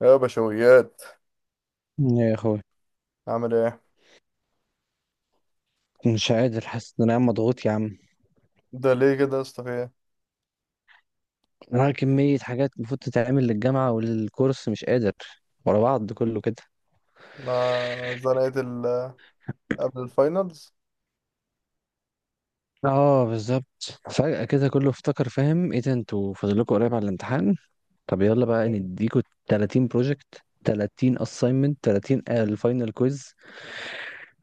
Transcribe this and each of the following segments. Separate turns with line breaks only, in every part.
يا بشويات،
يا اخوي،
عامل ايه؟
مش قادر، حاسس ان انا عم مضغوط يا عم.
ده ليه كده يا اسطى، في ايه؟
انا كمية حاجات المفروض تتعمل للجامعة وللكورس، مش قادر، ورا بعض كله كده.
ما زنقت ال- قبل الفاينلز.
اه، بالظبط، فجأة كده كله افتكر، فاهم ايه ده، انتوا فاضل لكم قريب على الامتحان. طب يلا بقى
مم.
نديكوا 30 بروجكت، 30 assignment، 30 الفاينل كويز.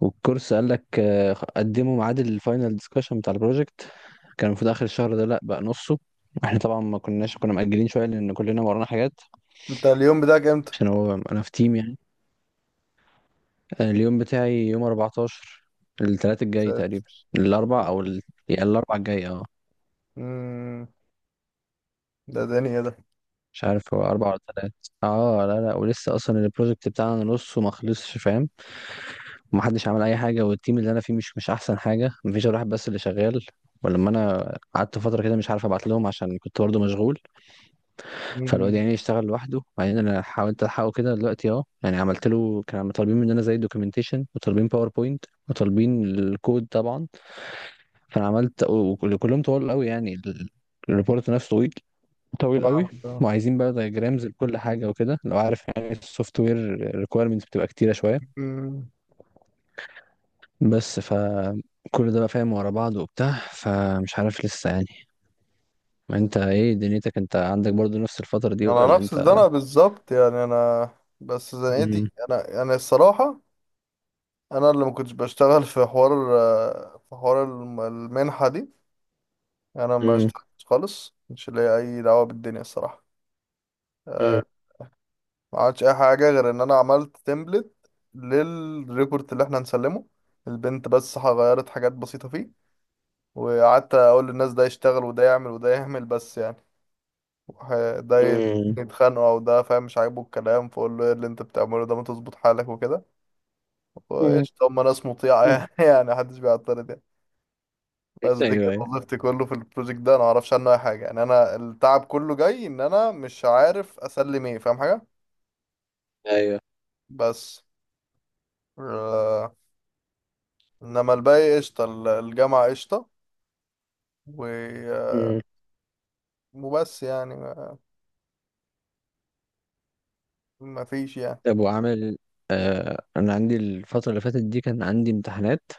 والكورس قال لك آه، قدموا ميعاد الفاينل ديسكشن بتاع البروجكت. كان المفروض اخر الشهر ده، لا بقى نصه. احنا طبعا ما كناش كنا مأجلين شويه لان كلنا ورانا حاجات.
انت اليوم بتاعك امتى؟
عشان هو انا في تيم يعني. اليوم بتاعي يوم 14، التلات الجاي
ساتر.
تقريبا، الاربع او يعني الاربع الجاي، اه.
امم. ده دنيا ده.
مش عارف هو اربع ولا تلات. اه، لا لا، ولسه اصلا البروجكت بتاعنا نصه ما خلصش، فاهم. ومحدش عمل اي حاجه، والتيم اللي انا فيه مش احسن حاجه، مفيش غير واحد بس اللي شغال. ولما انا قعدت فتره كده مش عارف ابعت لهم عشان كنت برضه مشغول. فالواد
امم.
يعني يشتغل لوحده. بعدين انا حاولت الحقه كده دلوقتي اهو، يعني عملت له، كانوا طالبين مننا زي دوكيومنتيشن وطالبين باوربوينت وطالبين الكود طبعا. فانا عملت وكلهم طوال قوي، يعني الريبورت نفسه طويل، طويل قوي.
فاهمك اه.
وعايزين بقى دايجرامز لكل حاجه وكده، لو عارف يعني السوفت وير ريكويرمنتس بتبقى كتيره شويه.
امم.
بس فكل ده بقى، فاهم، ورا بعض وبتاع، فمش عارف لسه يعني. ما انت ايه دنيتك، انت عندك برضو نفس الفتره دي
انا
ولا
نفس
انت؟
الزنقه بالظبط، يعني انا بس زنقتي
مم.
انا يعني الصراحه، انا اللي ما كنتش بشتغل في حوار، في حوار المنحه دي. انا ما
مم.
اشتغلتش خالص، مش ليا اي دعوه بالدنيا الصراحه.
مم.
ما عملتش اي حاجه غير ان انا عملت تمبلت للريبورت اللي احنا هنسلمه. البنت بس غيرت حاجات بسيطه فيه، وقعدت اقول للناس ده يشتغل وده يعمل وده يعمل بس يعني، وح- ده يتخانقوا او ده فاهم مش عاجبه الكلام، فاقول له ايه اللي انت بتعمله ده، ما تظبط حالك وكده.
مم.
وقشطه، هم ناس مطيعه
مم.
يعني محدش بيعترض يعني. بس
ايوه،
دي كانت
ايوه،
وظيفتي كله في البروجكت ده، انا معرفش عنه اي حاجه، يعني انا التعب كله جاي ان انا مش عارف اسلم ايه فاهم حاجه.
ايوه.
بس آه. انما الباقي قشطة، الجامعة قشطة. و...
مم.
وبس يعني ما... ما فيش يعني.
طب وعامل. انا عندي الفتره اللي فاتت دي كان عندي امتحانات.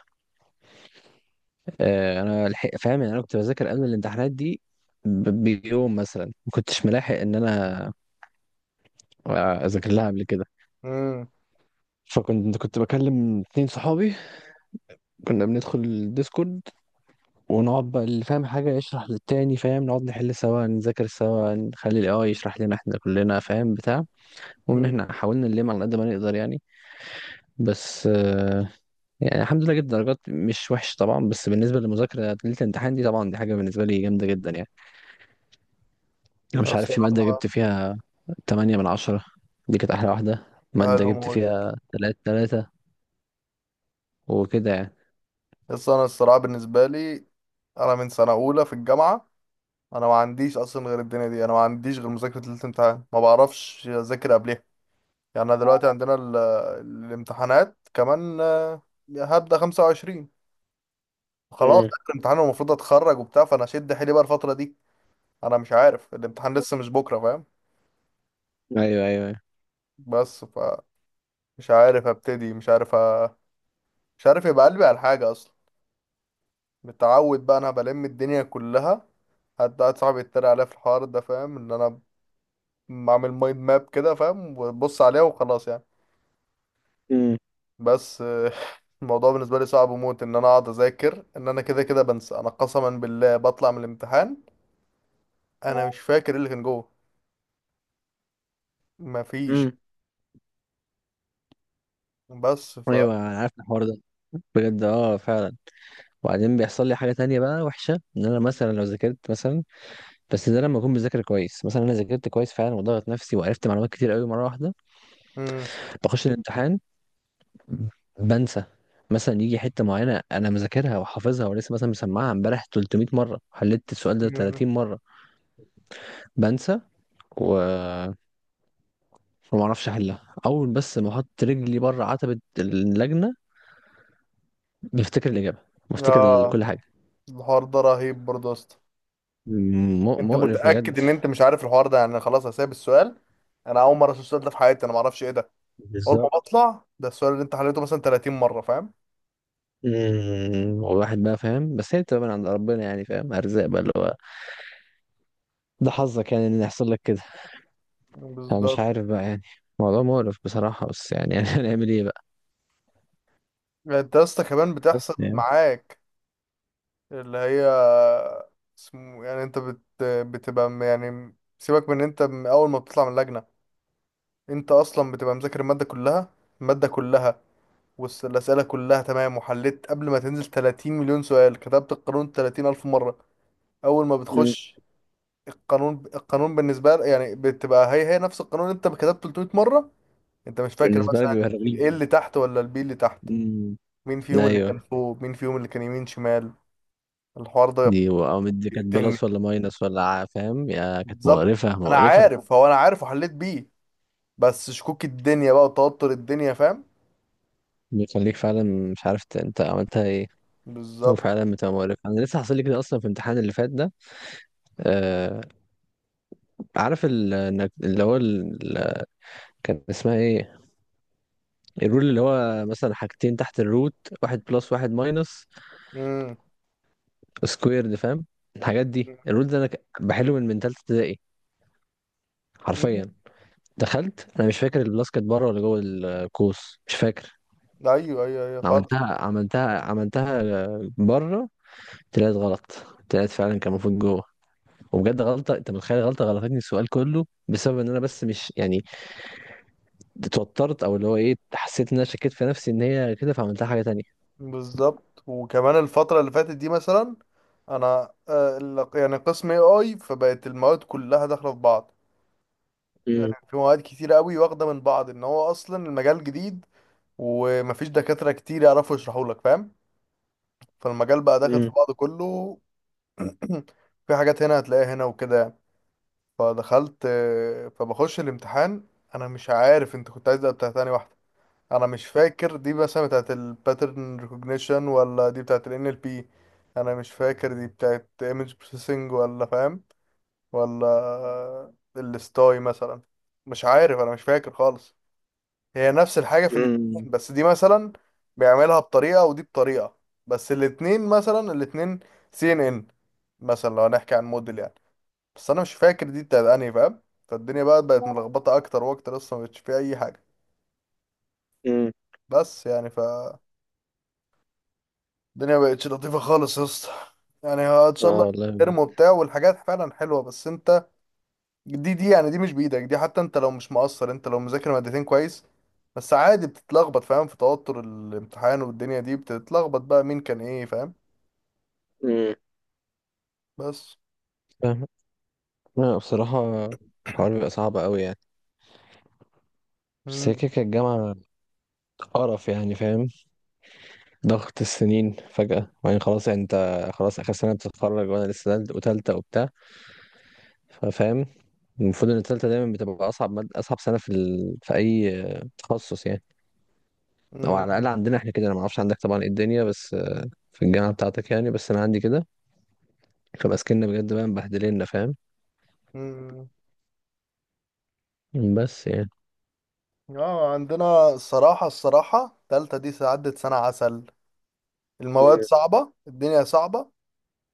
آه، انا الحق فاهم، يعني انا كنت بذاكر قبل الامتحانات دي بيوم مثلا، ما كنتش ملاحق ان انا اذاكر لها قبل كده.
امم.
فكنت كنت بكلم اتنين صحابي، كنا بندخل الديسكورد، ونقعد بقى اللي فاهم حاجة يشرح للتاني، فاهم، نقعد نحل سوا، نذاكر سوا، نخلي الاي اي يشرح لنا احنا كلنا، فاهم بتاع. ومن
أمم.
هنا حاولنا نلم على قد ما نقدر يعني. بس يعني الحمد ليله جبت درجات مش وحش طبعا، بس بالنسبة للمذاكرة ليلة الامتحان دي طبعا، دي حاجة بالنسبة لي جامدة جدا يعني. انا مش عارف في مادة
الصراحة.
جبت فيها 8/10، دي كانت احلى واحدة.
ده
مادة
حلو
جبت
موت.
فيها تلاتة تلاتة وكده يعني.
بس انا الصراحة بالنسبة لي، انا من سنة اولى في الجامعة، انا ما عنديش اصلا غير الدنيا دي، انا ما عنديش غير مذاكرة ليلة الامتحان، ما بعرفش اذاكر قبلها. يعني انا دلوقتي عندنا ال... الامتحانات كمان، هبدأ 25، خلاص
امم.
ده الامتحان المفروض اتخرج وبتاع، فانا شد حيلي بقى الفترة دي. انا مش عارف الامتحان لسه مش بكرة فاهم.
ايوه، ايوه، ايوه.
بس ف مش عارف ابتدي، مش عارف مش عارف يبقى قلبي على حاجة اصلا. متعود بقى انا بلم الدنيا كلها. حد قاعد صاحبي يتريق عليا في الحوار ده فاهم ان انا بعمل مايند ماب كده فاهم، وببص عليها وخلاص يعني.
امم.
بس الموضوع بالنسبة لي صعب موت، ان انا اقعد اذاكر ان انا كده كده بنسى. انا قسما بالله بطلع من الامتحان، انا مش فاكر إيه اللي كان جوه، مفيش.
امم.
بس ف
ايوه. انا عارف الحوار ده، بجد، اه، فعلا. وبعدين بيحصل لي حاجة تانية بقى وحشة، ان انا مثلا لو ذاكرت مثلا، بس ده لما اكون بذاكر كويس، مثلا انا ذاكرت كويس فعلا وضغط نفسي وعرفت معلومات كتير قوي مرة واحدة،
مم.
بخش الامتحان، بنسى. مثلا يجي حته معينه انا مذاكرها وحافظها ولسه مثلا مسمعها امبارح 300 مره، حليت السؤال ده
مم.
30 مره، بنسى، و وما اعرفش احلها. اول بس ما احط رجلي بره عتبة اللجنة، بفتكر الإجابة، بفتكر
اه،
كل حاجة.
الحوار ده رهيب برضه يا اسطى. انت
مقرف
متاكد
بجد.
ان انت مش عارف الحوار ده؟ يعني انا خلاص هسيب السؤال، انا اول مره اشوف السؤال ده في حياتي، انا ما اعرفش ايه ده. اول ما
بالظبط.
بطلع، ده السؤال اللي انت حليته مثلا 30 مره فاهم؟
امم، والواحد بقى فاهم بس هي بتبقى من عند ربنا، يعني فاهم، ارزاق بقى، اللي هو ده حظك يعني ان يحصل لك كده. فمش
بالظبط.
عارف بقى يعني، موضوع مقرف بصراحة، بس يعني يعني هنعمل ايه بقى.
يعني انت يا اسطى كمان بتحصل
بس يعني.
معاك؟ اللي هي اسمه يعني انت بتبقى يعني سيبك من انت، من اول ما بتطلع من اللجنه، انت اصلا بتبقى مذاكر الماده كلها، الماده كلها، والاسئله كلها تمام، وحليت قبل ما تنزل 30 مليون سؤال، كتبت القانون 30 الف مره. اول ما
مم.
بتخش، القانون القانون بالنسبه لك يعني بتبقى هي هي نفس القانون، انت كتبته 300 مره. انت مش فاكر
بالنسبة لك بيبقى
مثلا
رجلي.
الايه اللي تحت ولا البي اللي تحت،
امم.
مين فيهم اللي
ايوه.
كان فوق، مين فيهم اللي كان يمين شمال. الحوار ده
دي او دي، كانت بلس
بيقتلني.
ولا ماينس ولا فاهم، يا كانت
بالظبط،
مقرفة
انا
مقرفة.
عارف، هو انا عارف وحليت بيه، بس شكوك الدنيا بقى وتوتر الدنيا فاهم.
بيخليك فعلا مش عارف انت عملتها ايه. هو
بالظبط.
فعلا بتبقى مقرف، انا لسه حاصل لي كده اصلا في الامتحان اللي فات ده. آه، عارف انك اللي هو كان اسمها ايه، الرول اللي هو مثلا حاجتين تحت الروت، واحد بلس واحد ماينس
امم.
سكويرد، فاهم، الحاجات دي. الرول ده انا بحله من تالتة ابتدائي، حرفيا.
أمم.
دخلت، انا مش فاكر البلس كانت بره ولا جوه القوس، مش فاكر.
ايوه ايوه ايوه خالص.
عملتها عملتها عملتها، آه، بره. طلعت غلط، طلعت فعلا كان المفروض جوه. وبجد غلطه، انت متخيل غلطه غلطتني السؤال كله، بسبب ان انا، بس مش يعني، اتوترت، او اللي هو ايه، حسيت ان انا شكيت في نفسي ان هي كده فعملتها حاجه تانية.
بالظبط. وكمان الفتره اللي فاتت دي مثلا، انا يعني قسم AI، فبقت المواد كلها داخله في بعض. يعني
مم.
في مواد كتير قوي واخده من بعض، ان هو اصلا المجال جديد ومفيش دكاتره كتير يعرفوا يشرحوا لك فاهم، فالمجال بقى داخل في
مم.
بعضه كله. في حاجات هنا هتلاقيها هنا وكده. فدخلت، فبخش الامتحان، انا مش عارف انت كنت عايز ده بتاع تاني واحده. انا مش فاكر دي مثلا بتاعت الباترن ريكوجنيشن ولا دي بتاعت ال NLP. انا مش فاكر دي بتاعت image processing ولا فاهم، ولا الستاي مثلا. مش عارف، انا مش فاكر خالص. هي نفس الحاجة في
مم.
الاتنين، بس دي مثلا بيعملها بطريقة ودي بطريقة. بس الاتنين مثلا الاتنين CNN، مثلا لو هنحكي عن موديل يعني. بس انا مش فاكر دي بتاعت انهي فاهم. فالدنيا بقى بقت ملخبطة اكتر واكتر، اصلا مبقتش فيها اي حاجة.
مم.
بس يعني فالدنيا مبقتش لطيفة خالص يا اسطى. يعني ان
اه
شاء الله
والله بجد.
ارموا وبتاع والحاجات فعلا حلوة. بس انت، دي يعني دي مش بايدك دي، حتى انت لو مش مقصر، انت لو مذاكر مادتين كويس، بس عادي بتتلخبط فاهم، في توتر الامتحان والدنيا دي بتتلخبط بقى مين كان ايه فاهم.
مم.
بس.
فاهم. لا بصراحه، الحوار بيبقى صعب قوي يعني. بس هي
مم.
كده كده الجامعه قرف يعني، فاهم، ضغط السنين فجاه. وبعدين خلاص يعني، انت خلاص اخر سنه بتتخرج، وانا لسه وتالته وبتاع، فاهم. المفروض ان التالته دايما بتبقى اصعب مادة، اصعب سنه في اي تخصص يعني، او على الاقل
مم.
عندنا احنا كده. انا ما اعرفش عندك طبعا ايه الدنيا، بس في الجامعه بتاعتك يعني، بس انا عندي كده. فبقى سكننا بجد بقى مبهدلنا، فاهم.
مم.
بس يعني.
اه، عندنا الصراحة، الصراحة تالتة دي عدت سنة عسل. المواد
امم.
صعبة، الدنيا صعبة،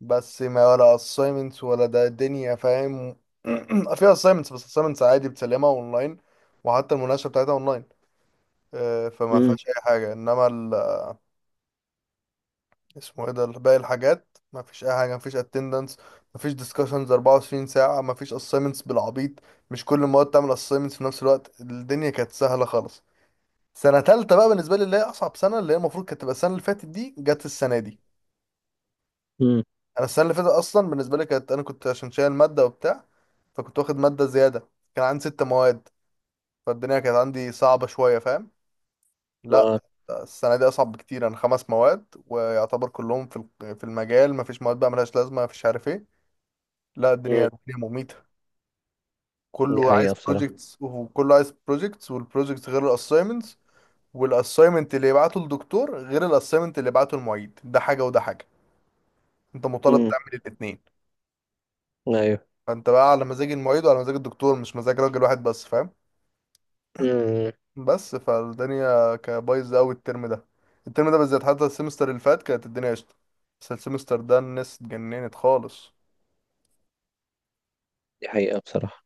بس ما ولا assignments ولا ده الدنيا فاهم. فيها assignments، بس assignments عادي بتسلمها اونلاين، وحتى المناقشة بتاعتها اونلاين. فما
امم.
فيهاش اي حاجة. انما اسمه ايه ده، باقي الحاجات مفيش اي حاجه، مفيش اتندنس، مفيش ديسكشنز، 24 ساعه مفيش اساينمنتس بالعبيط، مش كل المواد تعمل اساينمنتس في نفس الوقت، الدنيا كانت سهله خالص. سنه تالتة بقى بالنسبه لي اللي هي اصعب سنه، اللي هي المفروض كانت تبقى السنه اللي فاتت دي، جت السنه دي.
امم.
انا السنه اللي فاتت اصلا بالنسبه لي كانت، انا كنت عشان شايل ماده وبتاع فكنت واخد ماده زياده، كان عندي ست مواد، فالدنيا كانت عندي صعبه شويه فاهم. لا،
اه.
السنه دي اصعب بكتير، انا خمس مواد ويعتبر كلهم في في المجال، مفيش مواد بقى ملهاش لازمه، مفيش عارف ايه. لا، الدنيا
امم.
الدنيا مميتة،
دي
كله
حقيقه
عايز
بصراحه.
بروجيكتس، وكله عايز بروجيكتس، والبروجيكتس غير الاساينمنتس. والاساينمنت اللي يبعته الدكتور غير الاساينمنت اللي يبعته المعيد، ده حاجة وده حاجة، انت مطالب
امم.
تعمل الاتنين.
ايوه.
فانت بقى على مزاج المعيد وعلى مزاج الدكتور، مش مزاج راجل واحد بس فاهم.
امم.
بس، فالدنيا كانت بايظة قوي الترم ده. الترم ده بالذات، حتى السمستر اللي فات كانت الدنيا قشطة، بس السمستر ده الناس اتجننت خالص.
دي حقيقه بصراحه.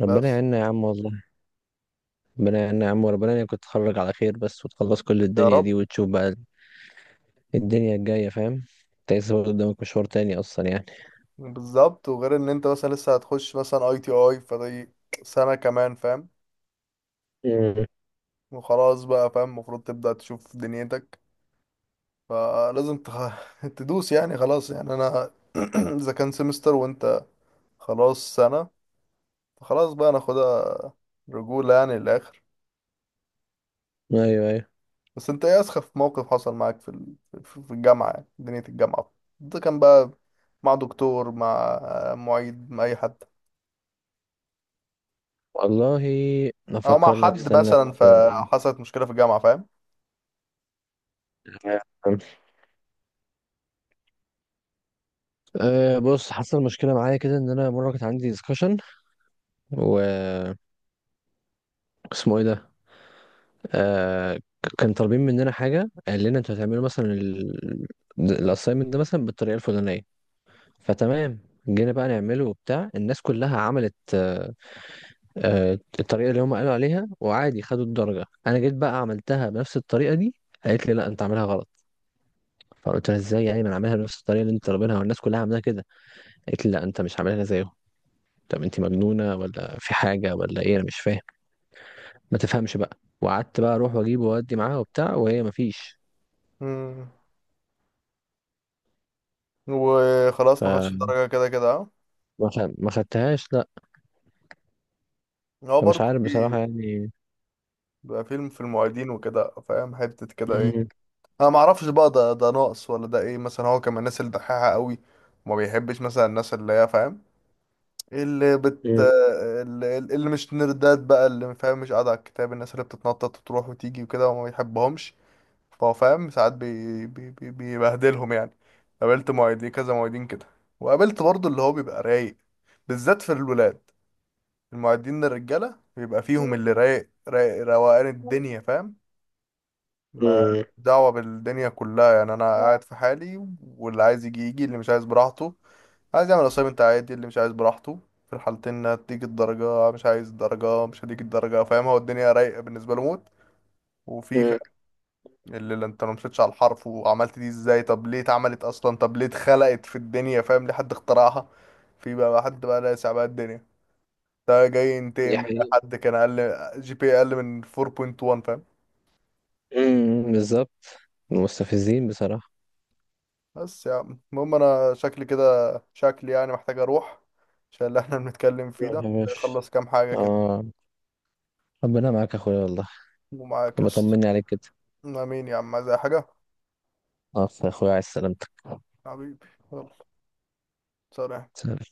ربنا
بس
يعيننا يا عم والله. ربنا يعيننا يا عم، وربنا يعينك تتخرج على خير بس، وتخلص كل
يا
الدنيا
رب.
دي وتشوف بقى الدنيا الجايه، فاهم. انت لسه برضه قدامك مشوار تاني اصلا يعني.
بالظبط. وغير ان انت مثلا لسه هتخش مثلا ITI، فدي سنة كمان فاهم.
امم.
وخلاص بقى فاهم، المفروض تبدأ تشوف دنيتك، فلازم تدوس يعني خلاص. يعني انا اذا كان سمستر، وانت خلاص سنة، فخلاص بقى ناخدها رجولة يعني للآخر.
ايوه، ايوه.
بس انت ايه اسخف موقف حصل معاك في ال... في في الجامعة، يعني دنيا الجامعة؟ ده كان بقى مع دكتور، مع معيد، مع اي حد،
والله
او مع
افكر لك،
حد
استنى.
مثلا فحصلت مشكلة في الجامعة.
في، أه، بص، حصل مشكلة معايا كده. إن أنا مرة كانت عندي ديسكشن و اسمه إيه ده؟ أه كان طالبين مننا حاجة. قال لنا أنتوا هتعملوا مثلا الأسايمنت ده مثلا بالطريقة الفلانية. فتمام، جينا بقى نعمله وبتاع، الناس كلها عملت أه آه، الطريقة اللي هم قالوا عليها، وعادي خدوا الدرجة. أنا جيت بقى عملتها بنفس الطريقة دي، قالت لي لا أنت عاملها غلط. فقلت لها إزاي يعني، ما أنا عاملها بنفس الطريقة اللي أنت طالبينها والناس كلها عاملاها كده. قالت لي لا أنت مش عاملها زيهم. طب أنت مجنونة ولا في حاجة ولا إيه، أنا مش فاهم. ما تفهمش بقى، وقعدت بقى اروح واجيب واودي معاها وبتاع، وهي ما فيش.
فاهم،
ف
وخلاص ما خدش الدرجة كده كده، اه.
ما خدتهاش لا.
هو
فمش
برضه
عارف بصراحة
في
يعني.
بقى فيلم في المعيدين وكده فاهم حتة كده ايه.
مم.
انا ما اعرفش بقى ده، ناقص ولا ده ايه، مثلا هو كان من الناس الدحيحة قوي، وما بيحبش مثلا الناس اللي هي فاهم، اللي بت
مم.
اللي مش نردات بقى، اللي فاهم مش قاعدة على الكتاب، الناس اللي بتتنطط وتروح وتيجي وكده، وما بيحبهمش. فهو فاهم ساعات بيبهدلهم يعني. قابلت معيدين، كذا معيدين كده، وقابلت برضه اللي هو بيبقى رايق، بالذات في الولاد، المعدين للرجالة بيبقى فيهم، اللي رايق رايق روقان الدنيا فاهم، ما
مم.
دعوة بالدنيا كلها. يعني أنا قاعد في حالي، واللي عايز يجي يجي، اللي مش عايز براحته، عايز يعمل أسايمنت عادي، اللي مش عايز براحته، في الحالتين هتيجي الدرجة. مش عايز الدرجة، مش هتيجي الدرجة فاهم. هو الدنيا رايقة بالنسبة له موت. وفي فا-
مم.
اللي انت لو مشيتش على الحرف وعملت دي ازاي، طب ليه اتعملت اصلا، طب ليه اتخلقت في الدنيا فاهم، ليه حد اخترعها. في بقى حد بقى لاسع بقى الدنيا، ده جاي ينتقم
دي
من أي
حقيقة.
حد كان اقل GPA اقل من 4.1 فاهم.
مم. بالظبط. مستفزين بصراحة.
بس يا عم المهم، انا شكلي كده، شكلي يعني محتاج اروح، عشان اللي احنا بنتكلم فيه
روح يا
ده
باشا.
اخلص كام حاجة كده.
اه. ربنا معاك يا اخويا والله.
ومعاك يا اسطى.
بطمني عليك كده.
امين يا عم، عايز اي حاجة؟
اه يا اخويا، عايز سلامتك.
حبيبي. يلا. سلام.
سلام.